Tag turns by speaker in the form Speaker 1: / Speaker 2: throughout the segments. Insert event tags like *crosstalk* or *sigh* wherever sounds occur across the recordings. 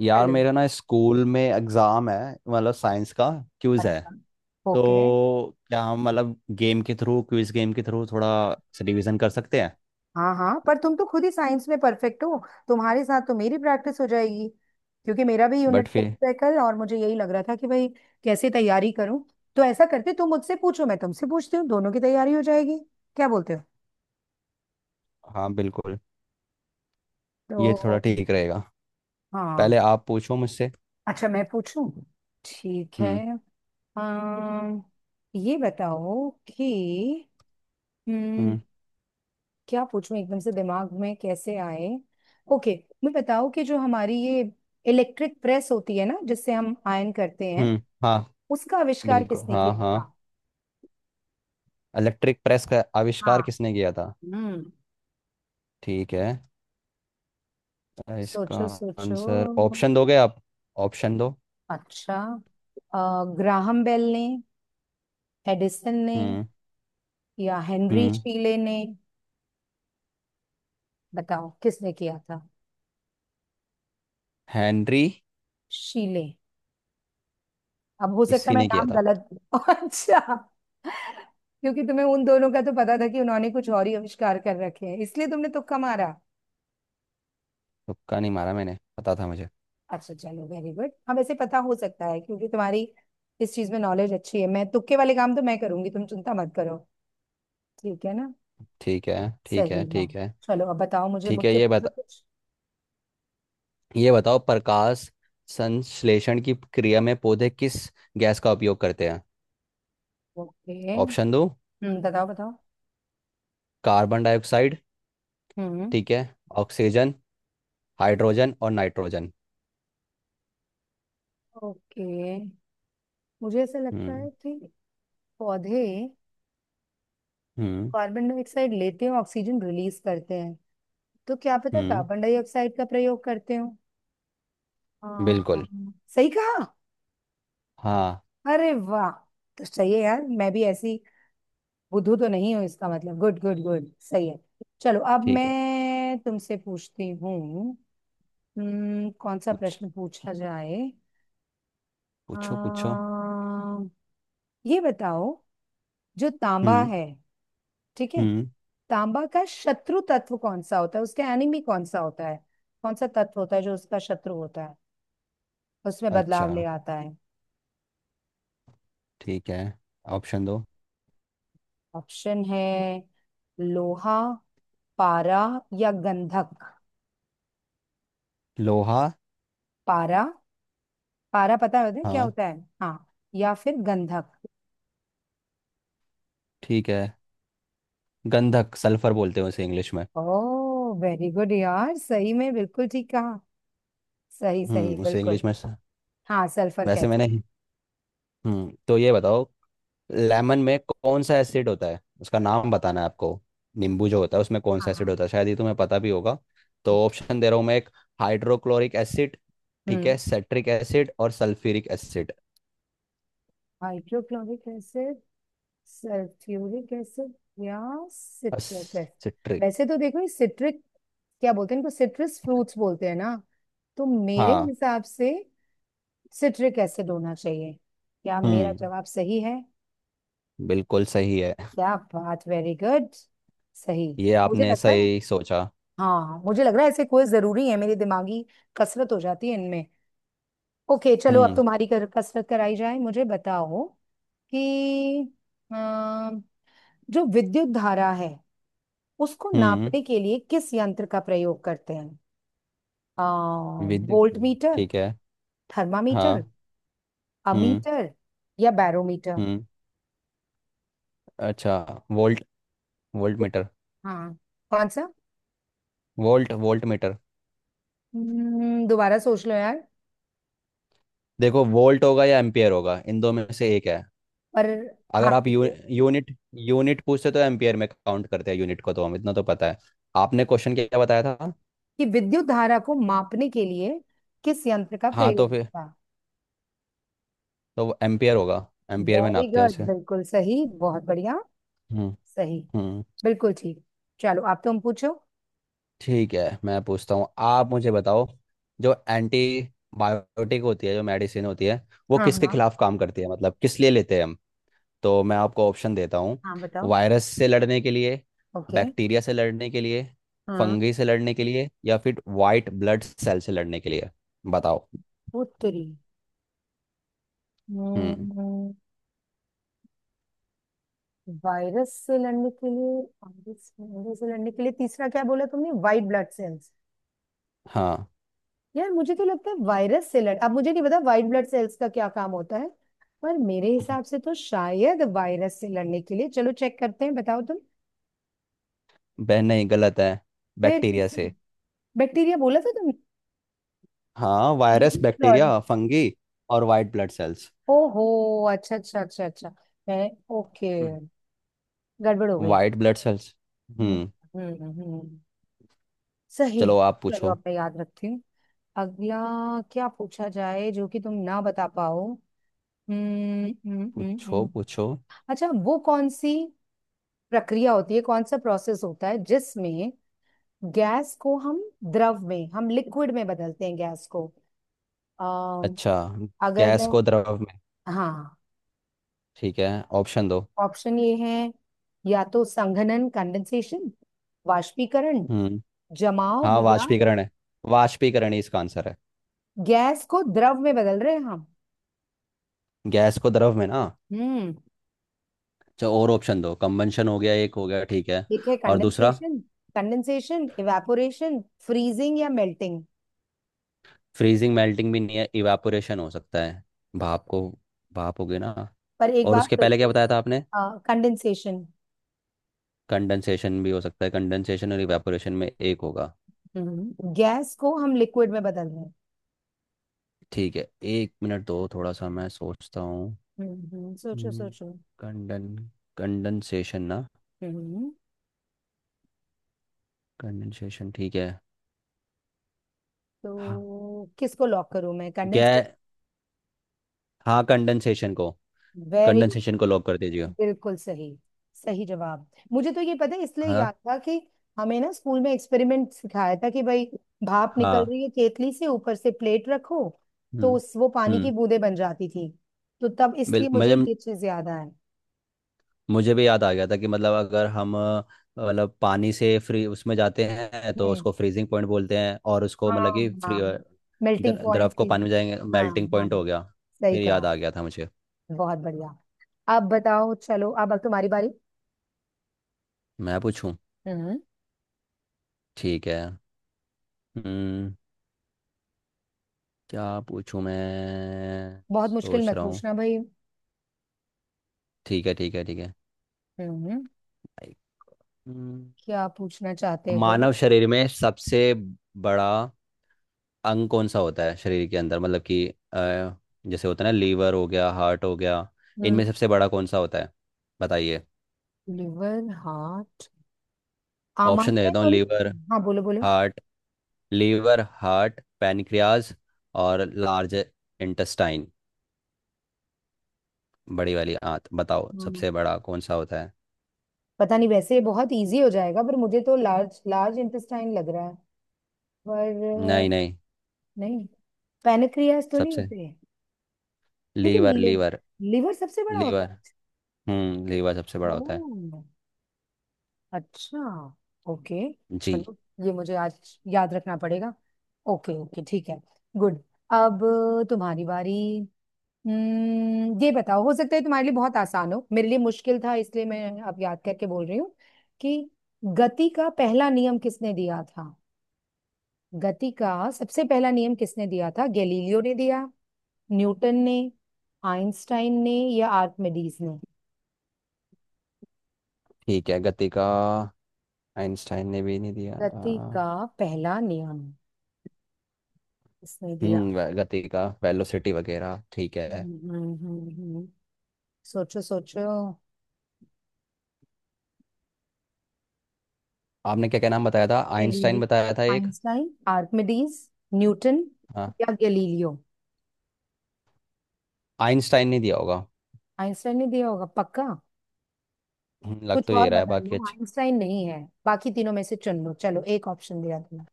Speaker 1: यार,
Speaker 2: हेलो।
Speaker 1: मेरा ना स्कूल में एग्जाम है। मतलब साइंस का क्विज है।
Speaker 2: अच्छा। ओके।
Speaker 1: तो क्या हम मतलब गेम के थ्रू क्विज गेम के थ्रू थोड़ा रिवीजन कर सकते हैं?
Speaker 2: हाँ हाँ, पर तुम तो खुद ही साइंस में परफेक्ट हो। तुम्हारे साथ तो मेरी प्रैक्टिस हो जाएगी। क्योंकि मेरा भी
Speaker 1: बट
Speaker 2: यूनिट
Speaker 1: फिर।
Speaker 2: टेस्ट है कल, और मुझे यही लग रहा था कि भाई कैसे तैयारी करूं। तो ऐसा करते, तुम मुझसे पूछो, मैं तुमसे पूछती हूँ, दोनों की तैयारी हो जाएगी। क्या बोलते हो?
Speaker 1: हाँ, बिल्कुल। ये थोड़ा
Speaker 2: तो
Speaker 1: ठीक रहेगा।
Speaker 2: हाँ।
Speaker 1: पहले आप पूछो मुझसे।
Speaker 2: अच्छा, मैं पूछूं? ठीक है।
Speaker 1: हम्म।
Speaker 2: अम, ये बताओ कि हम्म,
Speaker 1: हम्म।
Speaker 2: क्या पूछूं? एकदम से दिमाग में कैसे आए? ओके। मैं बताऊं कि जो हमारी ये इलेक्ट्रिक प्रेस होती है ना, जिससे हम आयन करते हैं,
Speaker 1: हम्म। हाँ,
Speaker 2: उसका आविष्कार
Speaker 1: बिल्कुल।
Speaker 2: किसने
Speaker 1: हाँ,
Speaker 2: किया
Speaker 1: हाँ।
Speaker 2: था?
Speaker 1: इलेक्ट्रिक प्रेस का
Speaker 2: हाँ।
Speaker 1: आविष्कार किसने किया था?
Speaker 2: हम्म।
Speaker 1: ठीक है। इसका
Speaker 2: सोचो सोचो।
Speaker 1: आंसर, ऑप्शन दोगे आप? ऑप्शन दो।
Speaker 2: अच्छा। ग्राहम बेल ने, एडिसन ने,
Speaker 1: हम्म।
Speaker 2: या हेनरी
Speaker 1: हम्म।
Speaker 2: शीले ने? बताओ किसने किया था।
Speaker 1: हेनरी।
Speaker 2: शीले। अब हो सकता है
Speaker 1: इसी
Speaker 2: मैं
Speaker 1: ने किया
Speaker 2: नाम
Speaker 1: था।
Speaker 2: गलत। *laughs* अच्छा। क्योंकि तुम्हें उन दोनों का तो पता था कि उन्होंने कुछ और ही आविष्कार कर रखे हैं, इसलिए तुमने तुक्का मारा।
Speaker 1: तुक्का नहीं मारा, मैंने पता था मुझे।
Speaker 2: अच्छा चलो, वेरी गुड। हम ऐसे पता हो सकता है, क्योंकि तुम्हारी इस चीज में नॉलेज अच्छी है। मैं तुक्के वाले काम तो मैं करूंगी, तुम चिंता मत करो। ठीक है ना?
Speaker 1: ठीक है, ठीक
Speaker 2: सही
Speaker 1: है,
Speaker 2: है।
Speaker 1: ठीक है,
Speaker 2: चलो अब बताओ मुझे,
Speaker 1: ठीक है।
Speaker 2: मुझसे पूछो कुछ।
Speaker 1: ये बताओ प्रकाश संश्लेषण की क्रिया में पौधे किस गैस का उपयोग करते हैं?
Speaker 2: ओके।
Speaker 1: ऑप्शन दो।
Speaker 2: बताओ बताओ।
Speaker 1: Carbon dioxide.
Speaker 2: हम्म।
Speaker 1: ठीक है। ऑक्सीजन, हाइड्रोजन और नाइट्रोजन।
Speaker 2: ओके। मुझे ऐसा लगता है
Speaker 1: हम्म।
Speaker 2: कि पौधे
Speaker 1: हम्म।
Speaker 2: कार्बन डाइऑक्साइड लेते हैं, ऑक्सीजन रिलीज करते हैं। तो क्या पता
Speaker 1: हम्म।
Speaker 2: कार्बन डाइऑक्साइड का प्रयोग करते हो।
Speaker 1: बिल्कुल।
Speaker 2: हाँ सही कहा।
Speaker 1: हाँ।
Speaker 2: अरे वाह। तो सही है यार, मैं भी ऐसी बुद्धू तो नहीं हूँ, इसका मतलब। Good good good. सही है। चलो अब
Speaker 1: ठीक है।
Speaker 2: मैं तुमसे पूछती हूँ। कौन सा
Speaker 1: पूछ
Speaker 2: प्रश्न पूछा जाए?
Speaker 1: पूछो, पूछो।
Speaker 2: अम, ये बताओ, जो तांबा
Speaker 1: हम्म।
Speaker 2: है, ठीक है।
Speaker 1: हम्म।
Speaker 2: तांबा का शत्रु तत्व कौन सा होता है? उसका एनिमी कौन सा होता है? कौन सा तत्व होता है जो उसका शत्रु होता है, उसमें
Speaker 1: अच्छा।
Speaker 2: बदलाव ले आता है?
Speaker 1: ठीक है। ऑप्शन दो।
Speaker 2: ऑप्शन है, लोहा, पारा, या गंधक।
Speaker 1: लोहा।
Speaker 2: पारा? पारा पता है होता है क्या
Speaker 1: हाँ।
Speaker 2: होता है। हाँ। या फिर गंधक।
Speaker 1: ठीक है। गंधक, सल्फर बोलते हैं उसे इंग्लिश में।
Speaker 2: ओ, वेरी गुड यार, सही में बिल्कुल ठीक कहा। सही सही
Speaker 1: उसे
Speaker 2: बिल्कुल।
Speaker 1: इंग्लिश में स-।
Speaker 2: हाँ सल्फर
Speaker 1: वैसे
Speaker 2: कहते हैं।
Speaker 1: मैंने। तो ये बताओ लेमन में कौन सा एसिड होता है, उसका नाम बताना है आपको। नींबू जो होता है उसमें कौन सा एसिड
Speaker 2: हाँ।
Speaker 1: होता है, शायद ये तुम्हें पता भी होगा। तो ऑप्शन दे रहा हूँ मैं एक। Hydrochloric acid. ठीक
Speaker 2: हम्म।
Speaker 1: है, सेट्रिक एसिड और sulphuric acid.
Speaker 2: Hydrochloric acid, sulphuric acid, या सिट्रिक एसिड।
Speaker 1: सिट्रिक।
Speaker 2: वैसे तो देखो, ये सिट्रिक, क्या बोलते हैं इनको, सिट्रस फ्रूट्स बोलते हैं ना। तो मेरे
Speaker 1: हाँ।
Speaker 2: हिसाब से सिट्रिक एसिड होना चाहिए। क्या मेरा
Speaker 1: हम्म।
Speaker 2: जवाब सही है?
Speaker 1: बिल्कुल सही है।
Speaker 2: क्या बात, वेरी गुड। सही।
Speaker 1: ये
Speaker 2: मुझे
Speaker 1: आपने
Speaker 2: लगता है
Speaker 1: सही सोचा।
Speaker 2: हाँ, मुझे लग रहा है ऐसे, कोई जरूरी है मेरी दिमागी कसरत हो जाती है इनमें। ओके चलो, अब
Speaker 1: हम्म।
Speaker 2: तुम्हारी कसरत कराई जाए। मुझे बताओ कि अ, जो विद्युत धारा है, उसको
Speaker 1: हम्म।
Speaker 2: नापने के लिए किस यंत्र का प्रयोग करते हैं? आ,
Speaker 1: विद।
Speaker 2: वोल्ट मीटर,
Speaker 1: ठीक है।
Speaker 2: थर्मामीटर,
Speaker 1: हाँ। हम्म।
Speaker 2: अमीटर, या बैरोमीटर?
Speaker 1: हम्म। अच्छा। Volt voltmeter.
Speaker 2: हाँ, कौन सा?
Speaker 1: Volt volt.
Speaker 2: दोबारा सोच लो यार।
Speaker 1: देखो, वोल्ट होगा या एम्पियर होगा, इन दो में से एक है।
Speaker 2: पर हाँ,
Speaker 1: अगर आप
Speaker 2: जैसे
Speaker 1: यूनिट यूनिट पूछते तो एम्पियर में काउंट करते हैं यूनिट को, तो हम इतना तो पता है। आपने क्वेश्चन क्या बताया था?
Speaker 2: कि विद्युत धारा को मापने के लिए किस यंत्र का
Speaker 1: हाँ, तो
Speaker 2: प्रयोग
Speaker 1: फिर।
Speaker 2: था।
Speaker 1: तो वो एम्पियर होगा। एम्पियर में
Speaker 2: वेरी
Speaker 1: नापते हैं
Speaker 2: गुड
Speaker 1: उसे।
Speaker 2: बिल्कुल सही, बहुत बढ़िया।
Speaker 1: हम्म।
Speaker 2: सही,
Speaker 1: हम्म।
Speaker 2: बिल्कुल ठीक। चलो आप, तुम पूछो।
Speaker 1: ठीक है, मैं पूछता हूँ, आप मुझे बताओ। जो एंटी बायोटिक होती है, जो मेडिसिन होती है, वो
Speaker 2: हाँ
Speaker 1: किसके
Speaker 2: हाँ
Speaker 1: खिलाफ काम करती है, मतलब किस लिए लेते हैं हम? तो मैं आपको ऑप्शन देता हूँ।
Speaker 2: हाँ, बताओ।
Speaker 1: वायरस से लड़ने के लिए।
Speaker 2: ओके।
Speaker 1: बैक्टीरिया से लड़ने के लिए।
Speaker 2: हाँ।
Speaker 1: फंगी से लड़ने के लिए या फिर वाइट ब्लड सेल से लड़ने के लिए। बताओ।
Speaker 2: उत्तरी।
Speaker 1: हम्म।
Speaker 2: हम्म, वायरस से लड़ने के लिए, वायरस वायरस से लड़ने के लिए। तीसरा क्या बोला तुमने, वाइट ब्लड सेल्स?
Speaker 1: हाँ।
Speaker 2: यार मुझे तो लगता है वायरस से लड़, अब मुझे नहीं पता व्हाइट ब्लड सेल्स का क्या काम होता है। पर मेरे हिसाब से तो शायद वायरस से लड़ने के लिए। चलो चेक करते हैं, बताओ तुम।
Speaker 1: बहन, नहीं, गलत है।
Speaker 2: फिर
Speaker 1: बैक्टीरिया
Speaker 2: किसी।
Speaker 1: से।
Speaker 2: बैक्टीरिया बोला था तुमने?
Speaker 1: हाँ, वायरस,
Speaker 2: *laughs* सॉरी।
Speaker 1: बैक्टीरिया, फंगी और वाइट ब्लड सेल्स।
Speaker 2: ओहो। अच्छा अच्छा अच्छा अच्छा। मैं। ओके।
Speaker 1: हम्म।
Speaker 2: गड़बड़ हो गई।
Speaker 1: White blood cells.
Speaker 2: हम्म
Speaker 1: हम्म।
Speaker 2: हम्म हम्म, हम्म। सही।
Speaker 1: चलो, आप
Speaker 2: चलो
Speaker 1: पूछो।
Speaker 2: अब मैं याद रखती हूँ। अगला क्या पूछा जाए जो कि तुम ना बता पाओ। हम्म हम्म हम्म
Speaker 1: पूछो,
Speaker 2: हम्म।
Speaker 1: पूछो।
Speaker 2: अच्छा, वो कौन सी प्रक्रिया होती है, कौन सा प्रोसेस होता है जिसमें गैस को हम द्रव में, हम लिक्विड में बदलते हैं गैस को? अम,
Speaker 1: अच्छा,
Speaker 2: अगर
Speaker 1: गैस
Speaker 2: मैं।
Speaker 1: को द्रव में।
Speaker 2: हाँ।
Speaker 1: ठीक है। ऑप्शन दो।
Speaker 2: ऑप्शन ये है, या तो संघनन, कंडेंसेशन, वाष्पीकरण,
Speaker 1: हम्म।
Speaker 2: जमाव,
Speaker 1: हाँ,
Speaker 2: या
Speaker 1: वाष्पीकरण है। वाष्पीकरण ही इसका आंसर है।
Speaker 2: गैस को द्रव में बदल रहे हैं हम।
Speaker 1: गैस को द्रव में ना।
Speaker 2: हम्म,
Speaker 1: अच्छा, और ऑप्शन दो, कंबंशन हो गया, एक हो गया, ठीक है।
Speaker 2: ठीक है।
Speaker 1: और दूसरा।
Speaker 2: कंडेंसेशन, कंडेंसेशन, इवेपोरेशन, फ्रीजिंग, या मेल्टिंग।
Speaker 1: फ्रीजिंग, मेल्टिंग भी नहीं है, इवापोरेशन हो सकता है। भाप को। भाप हो गया ना।
Speaker 2: पर एक
Speaker 1: और
Speaker 2: बात
Speaker 1: उसके पहले क्या
Speaker 2: सोचो।
Speaker 1: बताया था आपने?
Speaker 2: कंडेंसेशन।
Speaker 1: कंडेंसेशन भी हो सकता है, कंडेंसेशन और इवेपोरेशन में एक होगा।
Speaker 2: गैस को हम लिक्विड में बदल रहे हैं।
Speaker 1: ठीक है, एक मिनट दो, थोड़ा सा मैं सोचता हूँ।
Speaker 2: हम्म। सोचो सोचो।
Speaker 1: कंडन कंडेंसेशन ना।
Speaker 2: हम्म।
Speaker 1: कंडेंसेशन ठीक है। हाँ।
Speaker 2: तो किसको लॉक करूं मैं,
Speaker 1: गै
Speaker 2: कंडेंसर?
Speaker 1: हाँ, कंडेंसेशन को।
Speaker 2: वेरी गुड,
Speaker 1: कंडेंसेशन को लॉक कर दीजिए।
Speaker 2: बिल्कुल सही, सही जवाब। मुझे तो ये पता है, इसलिए
Speaker 1: हाँ।
Speaker 2: याद था कि हमें ना स्कूल में एक्सपेरिमेंट सिखाया था कि भाई, भाप निकल
Speaker 1: हाँ।
Speaker 2: रही है केतली से, ऊपर से प्लेट रखो, तो
Speaker 1: हम्म।
Speaker 2: उस वो पानी की
Speaker 1: हम्म।
Speaker 2: बूंदें बन जाती थी। तो तब इसलिए
Speaker 1: बिल्कुल।
Speaker 2: मुझे
Speaker 1: मुझे
Speaker 2: ये चीज याद आया।
Speaker 1: मुझे भी याद आ गया था कि मतलब अगर हम मतलब पानी से फ्री उसमें जाते हैं तो
Speaker 2: हम्म।
Speaker 1: उसको फ्रीजिंग पॉइंट बोलते हैं, और उसको मतलब
Speaker 2: हाँ
Speaker 1: कि फ्री
Speaker 2: हाँ। मेल्टिंग
Speaker 1: द्रव
Speaker 2: पॉइंट
Speaker 1: को
Speaker 2: थी।
Speaker 1: पानी में जाएंगे
Speaker 2: हाँ
Speaker 1: मेल्टिंग
Speaker 2: हाँ,
Speaker 1: पॉइंट हो गया।
Speaker 2: सही
Speaker 1: फिर याद
Speaker 2: कहा।
Speaker 1: आ गया था मुझे।
Speaker 2: बहुत बढ़िया। अब बताओ, चलो अब तुम्हारी बारी।
Speaker 1: मैं पूछूं।
Speaker 2: हम्म।
Speaker 1: ठीक है। हम्म। क्या पूछूं, मैं
Speaker 2: बहुत मुश्किल
Speaker 1: सोच
Speaker 2: मत
Speaker 1: रहा हूँ।
Speaker 2: पूछना भाई।
Speaker 1: ठीक है, ठीक है, ठीक है।
Speaker 2: हम्म।
Speaker 1: हम्म।
Speaker 2: क्या पूछना चाहते हो?
Speaker 1: मानव शरीर में सबसे बड़ा अंग कौन सा होता है, शरीर के अंदर मतलब कि अ, जैसे होता है ना, लीवर हो गया, हार्ट हो गया,
Speaker 2: हम्म।
Speaker 1: इनमें सबसे बड़ा कौन सा होता है? बताइए।
Speaker 2: लिवर, हार्ट,
Speaker 1: ऑप्शन दे
Speaker 2: आमाशय
Speaker 1: देता हूँ।
Speaker 2: तो नहीं, हाँ बोलो बोलो।
Speaker 1: हार्ट लीवर, हार्ट, पैनक्रियाज और लार्ज इंटेस्टाइन, बड़ी वाली आंत। बताओ
Speaker 2: हम्म।
Speaker 1: सबसे बड़ा कौन सा होता है।
Speaker 2: पता नहीं, वैसे ये बहुत इजी हो जाएगा, पर मुझे तो लार्ज, लार्ज इंटेस्टाइन लग रहा है। पर
Speaker 1: नहीं,
Speaker 2: अ,
Speaker 1: नहीं।
Speaker 2: नहीं, पैनक्रियास तो नहीं
Speaker 1: सबसे
Speaker 2: होते हैं, क्योंकि
Speaker 1: लीवर, लीवर,
Speaker 2: लिवर सबसे बड़ा होता
Speaker 1: लीवर।
Speaker 2: है।
Speaker 1: लीवर सबसे
Speaker 2: ओ,
Speaker 1: बड़ा होता है।
Speaker 2: अच्छा, ओके।
Speaker 1: जी।
Speaker 2: चलो, ये मुझे आज याद रखना पड़ेगा। ओके ओके, ठीक है। गुड। अब तुम्हारी बारी। हम्म, ये बताओ, हो सकता है तुम्हारे लिए बहुत आसान हो, मेरे लिए मुश्किल था, इसलिए मैं अब याद करके बोल रही हूँ कि गति का पहला नियम किसने दिया था? गति का सबसे पहला नियम किसने दिया था? गैलीलियो ने दिया, न्यूटन ने, आइंस्टाइन ने, या आर्किमिडीज ने?
Speaker 1: ठीक है, गति का। आइंस्टाइन ने भी नहीं दिया था।
Speaker 2: गति का पहला नियम किसने दिया?
Speaker 1: गति का वेलोसिटी वगैरह, ठीक है।
Speaker 2: हम्म, हम्म, हम्म, हम्म। सोचो सोचो।
Speaker 1: आपने क्या क्या नाम बताया था?
Speaker 2: गैलीली
Speaker 1: आइंस्टाइन बताया था एक।
Speaker 2: आइंस्टाइन, आर्किमिडीज, न्यूटन,
Speaker 1: हाँ।
Speaker 2: या गैलीलियो।
Speaker 1: आइंस्टाइन ने दिया होगा।
Speaker 2: आइंस्टाइन ने दिया होगा पक्का?
Speaker 1: लग
Speaker 2: कुछ
Speaker 1: तो ये
Speaker 2: और
Speaker 1: रहा है
Speaker 2: बता
Speaker 1: बाकी।
Speaker 2: लो,
Speaker 1: अच्छा।
Speaker 2: आइंस्टाइन नहीं है। बाकी तीनों में से चुन लो। चलो, एक ऑप्शन दिया तुमने।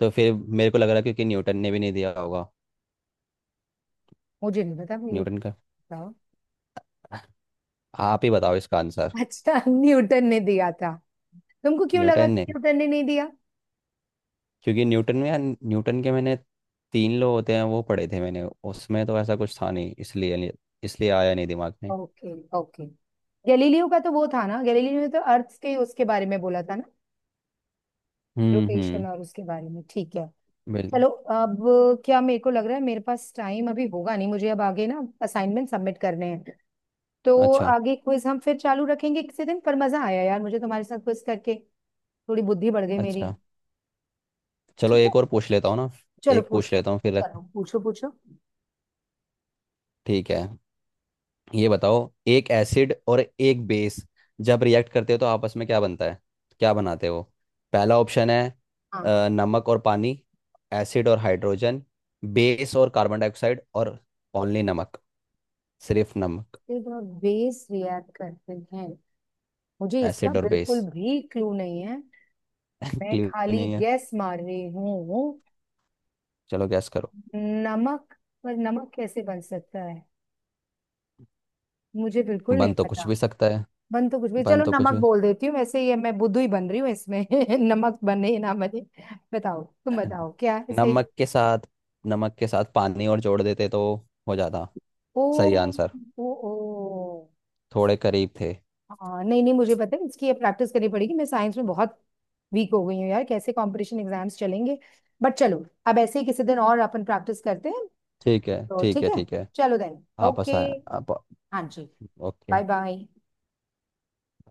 Speaker 1: तो फिर मेरे को लग रहा है क्योंकि न्यूटन ने भी नहीं दिया होगा।
Speaker 2: मुझे नहीं पता, मैं ये।
Speaker 1: न्यूटन का।
Speaker 2: बताओ।
Speaker 1: आप ही बताओ इसका आंसर।
Speaker 2: अच्छा। *laughs* न्यूटन ने दिया था। तुमको क्यों लगा
Speaker 1: न्यूटन
Speaker 2: कि
Speaker 1: ने,
Speaker 2: न्यूटन ने नहीं दिया?
Speaker 1: क्योंकि न्यूटन में, यार न्यूटन के मैंने तीन लो होते हैं, वो पढ़े थे मैंने। उसमें तो ऐसा कुछ था नहीं इसलिए नहीं-, इसलिए आया नहीं दिमाग में।
Speaker 2: Okay okay. गैलीलियो का तो वो था ना, गैलीलियो ने तो अर्थ के उसके बारे में बोला था ना,
Speaker 1: हम्म।
Speaker 2: रोटेशन
Speaker 1: हम्म।
Speaker 2: और उसके बारे में। ठीक है।
Speaker 1: बिल्कुल।
Speaker 2: चलो अब, क्या मेरे को लग रहा है, मेरे पास टाइम अभी होगा नहीं, मुझे अब आगे ना असाइनमेंट सबमिट करने हैं। तो
Speaker 1: अच्छा।
Speaker 2: आगे क्विज हम फिर चालू रखेंगे किसी दिन, पर मजा आया यार मुझे तुम्हारे साथ क्विज करके। थोड़ी बुद्धि बढ़ गई मेरी।
Speaker 1: अच्छा, चलो
Speaker 2: ठीक है,
Speaker 1: एक और पूछ लेता हूँ ना।
Speaker 2: चलो
Speaker 1: एक
Speaker 2: पूछ
Speaker 1: पूछ
Speaker 2: लो।
Speaker 1: लेता हूँ फिर रख-।
Speaker 2: चलो पूछो पूछो।
Speaker 1: ठीक है, ये बताओ, एक एसिड और एक बेस जब रिएक्ट करते हो तो आपस में क्या बनता है? क्या बनाते हो? पहला ऑप्शन है,
Speaker 2: हाँ।
Speaker 1: नमक और पानी। एसिड और हाइड्रोजन। बेस और कार्बन डाइऑक्साइड। और ओनली नमक, सिर्फ नमक।
Speaker 2: सिर्फ और बेस रिएक्ट करते हैं? मुझे इसका
Speaker 1: एसिड और बेस।
Speaker 2: बिल्कुल भी क्लू नहीं है।
Speaker 1: *laughs*
Speaker 2: मैं
Speaker 1: क्लियर
Speaker 2: खाली
Speaker 1: नहीं है।
Speaker 2: गैस मार रही हूँ।
Speaker 1: चलो गैस करो।
Speaker 2: नमक। पर नमक कैसे बन सकता है? मुझे बिल्कुल नहीं
Speaker 1: बन तो
Speaker 2: पता।
Speaker 1: कुछ भी सकता है।
Speaker 2: बन तो कुछ भी,
Speaker 1: बन
Speaker 2: चलो
Speaker 1: तो कुछ
Speaker 2: नमक
Speaker 1: भी।
Speaker 2: बोल देती हूँ, वैसे ये मैं बुद्धू ही बन रही हूँ इसमें। *laughs* नमक बने ना बने, बताओ तुम, बताओ क्या है सही।
Speaker 1: नमक के साथ, नमक के साथ पानी और जोड़ देते तो हो जाता।
Speaker 2: ओ
Speaker 1: सही आंसर।
Speaker 2: ओ ओ।
Speaker 1: थोड़े करीब थे।
Speaker 2: हाँ नहीं नहीं, मुझे पता है, इसकी अब प्रैक्टिस करनी पड़ेगी, मैं साइंस में बहुत वीक हो गई हूँ यार। कैसे कंपटीशन एग्जाम्स चलेंगे? बट चलो, अब ऐसे ही किसी दिन और अपन प्रैक्टिस करते हैं।
Speaker 1: ठीक है,
Speaker 2: तो
Speaker 1: ठीक
Speaker 2: ठीक
Speaker 1: है,
Speaker 2: है।
Speaker 1: ठीक है।
Speaker 2: चलो, देन
Speaker 1: आप
Speaker 2: ओके।
Speaker 1: आसान आप।
Speaker 2: हाँ जी।
Speaker 1: ओके।
Speaker 2: Bye bye.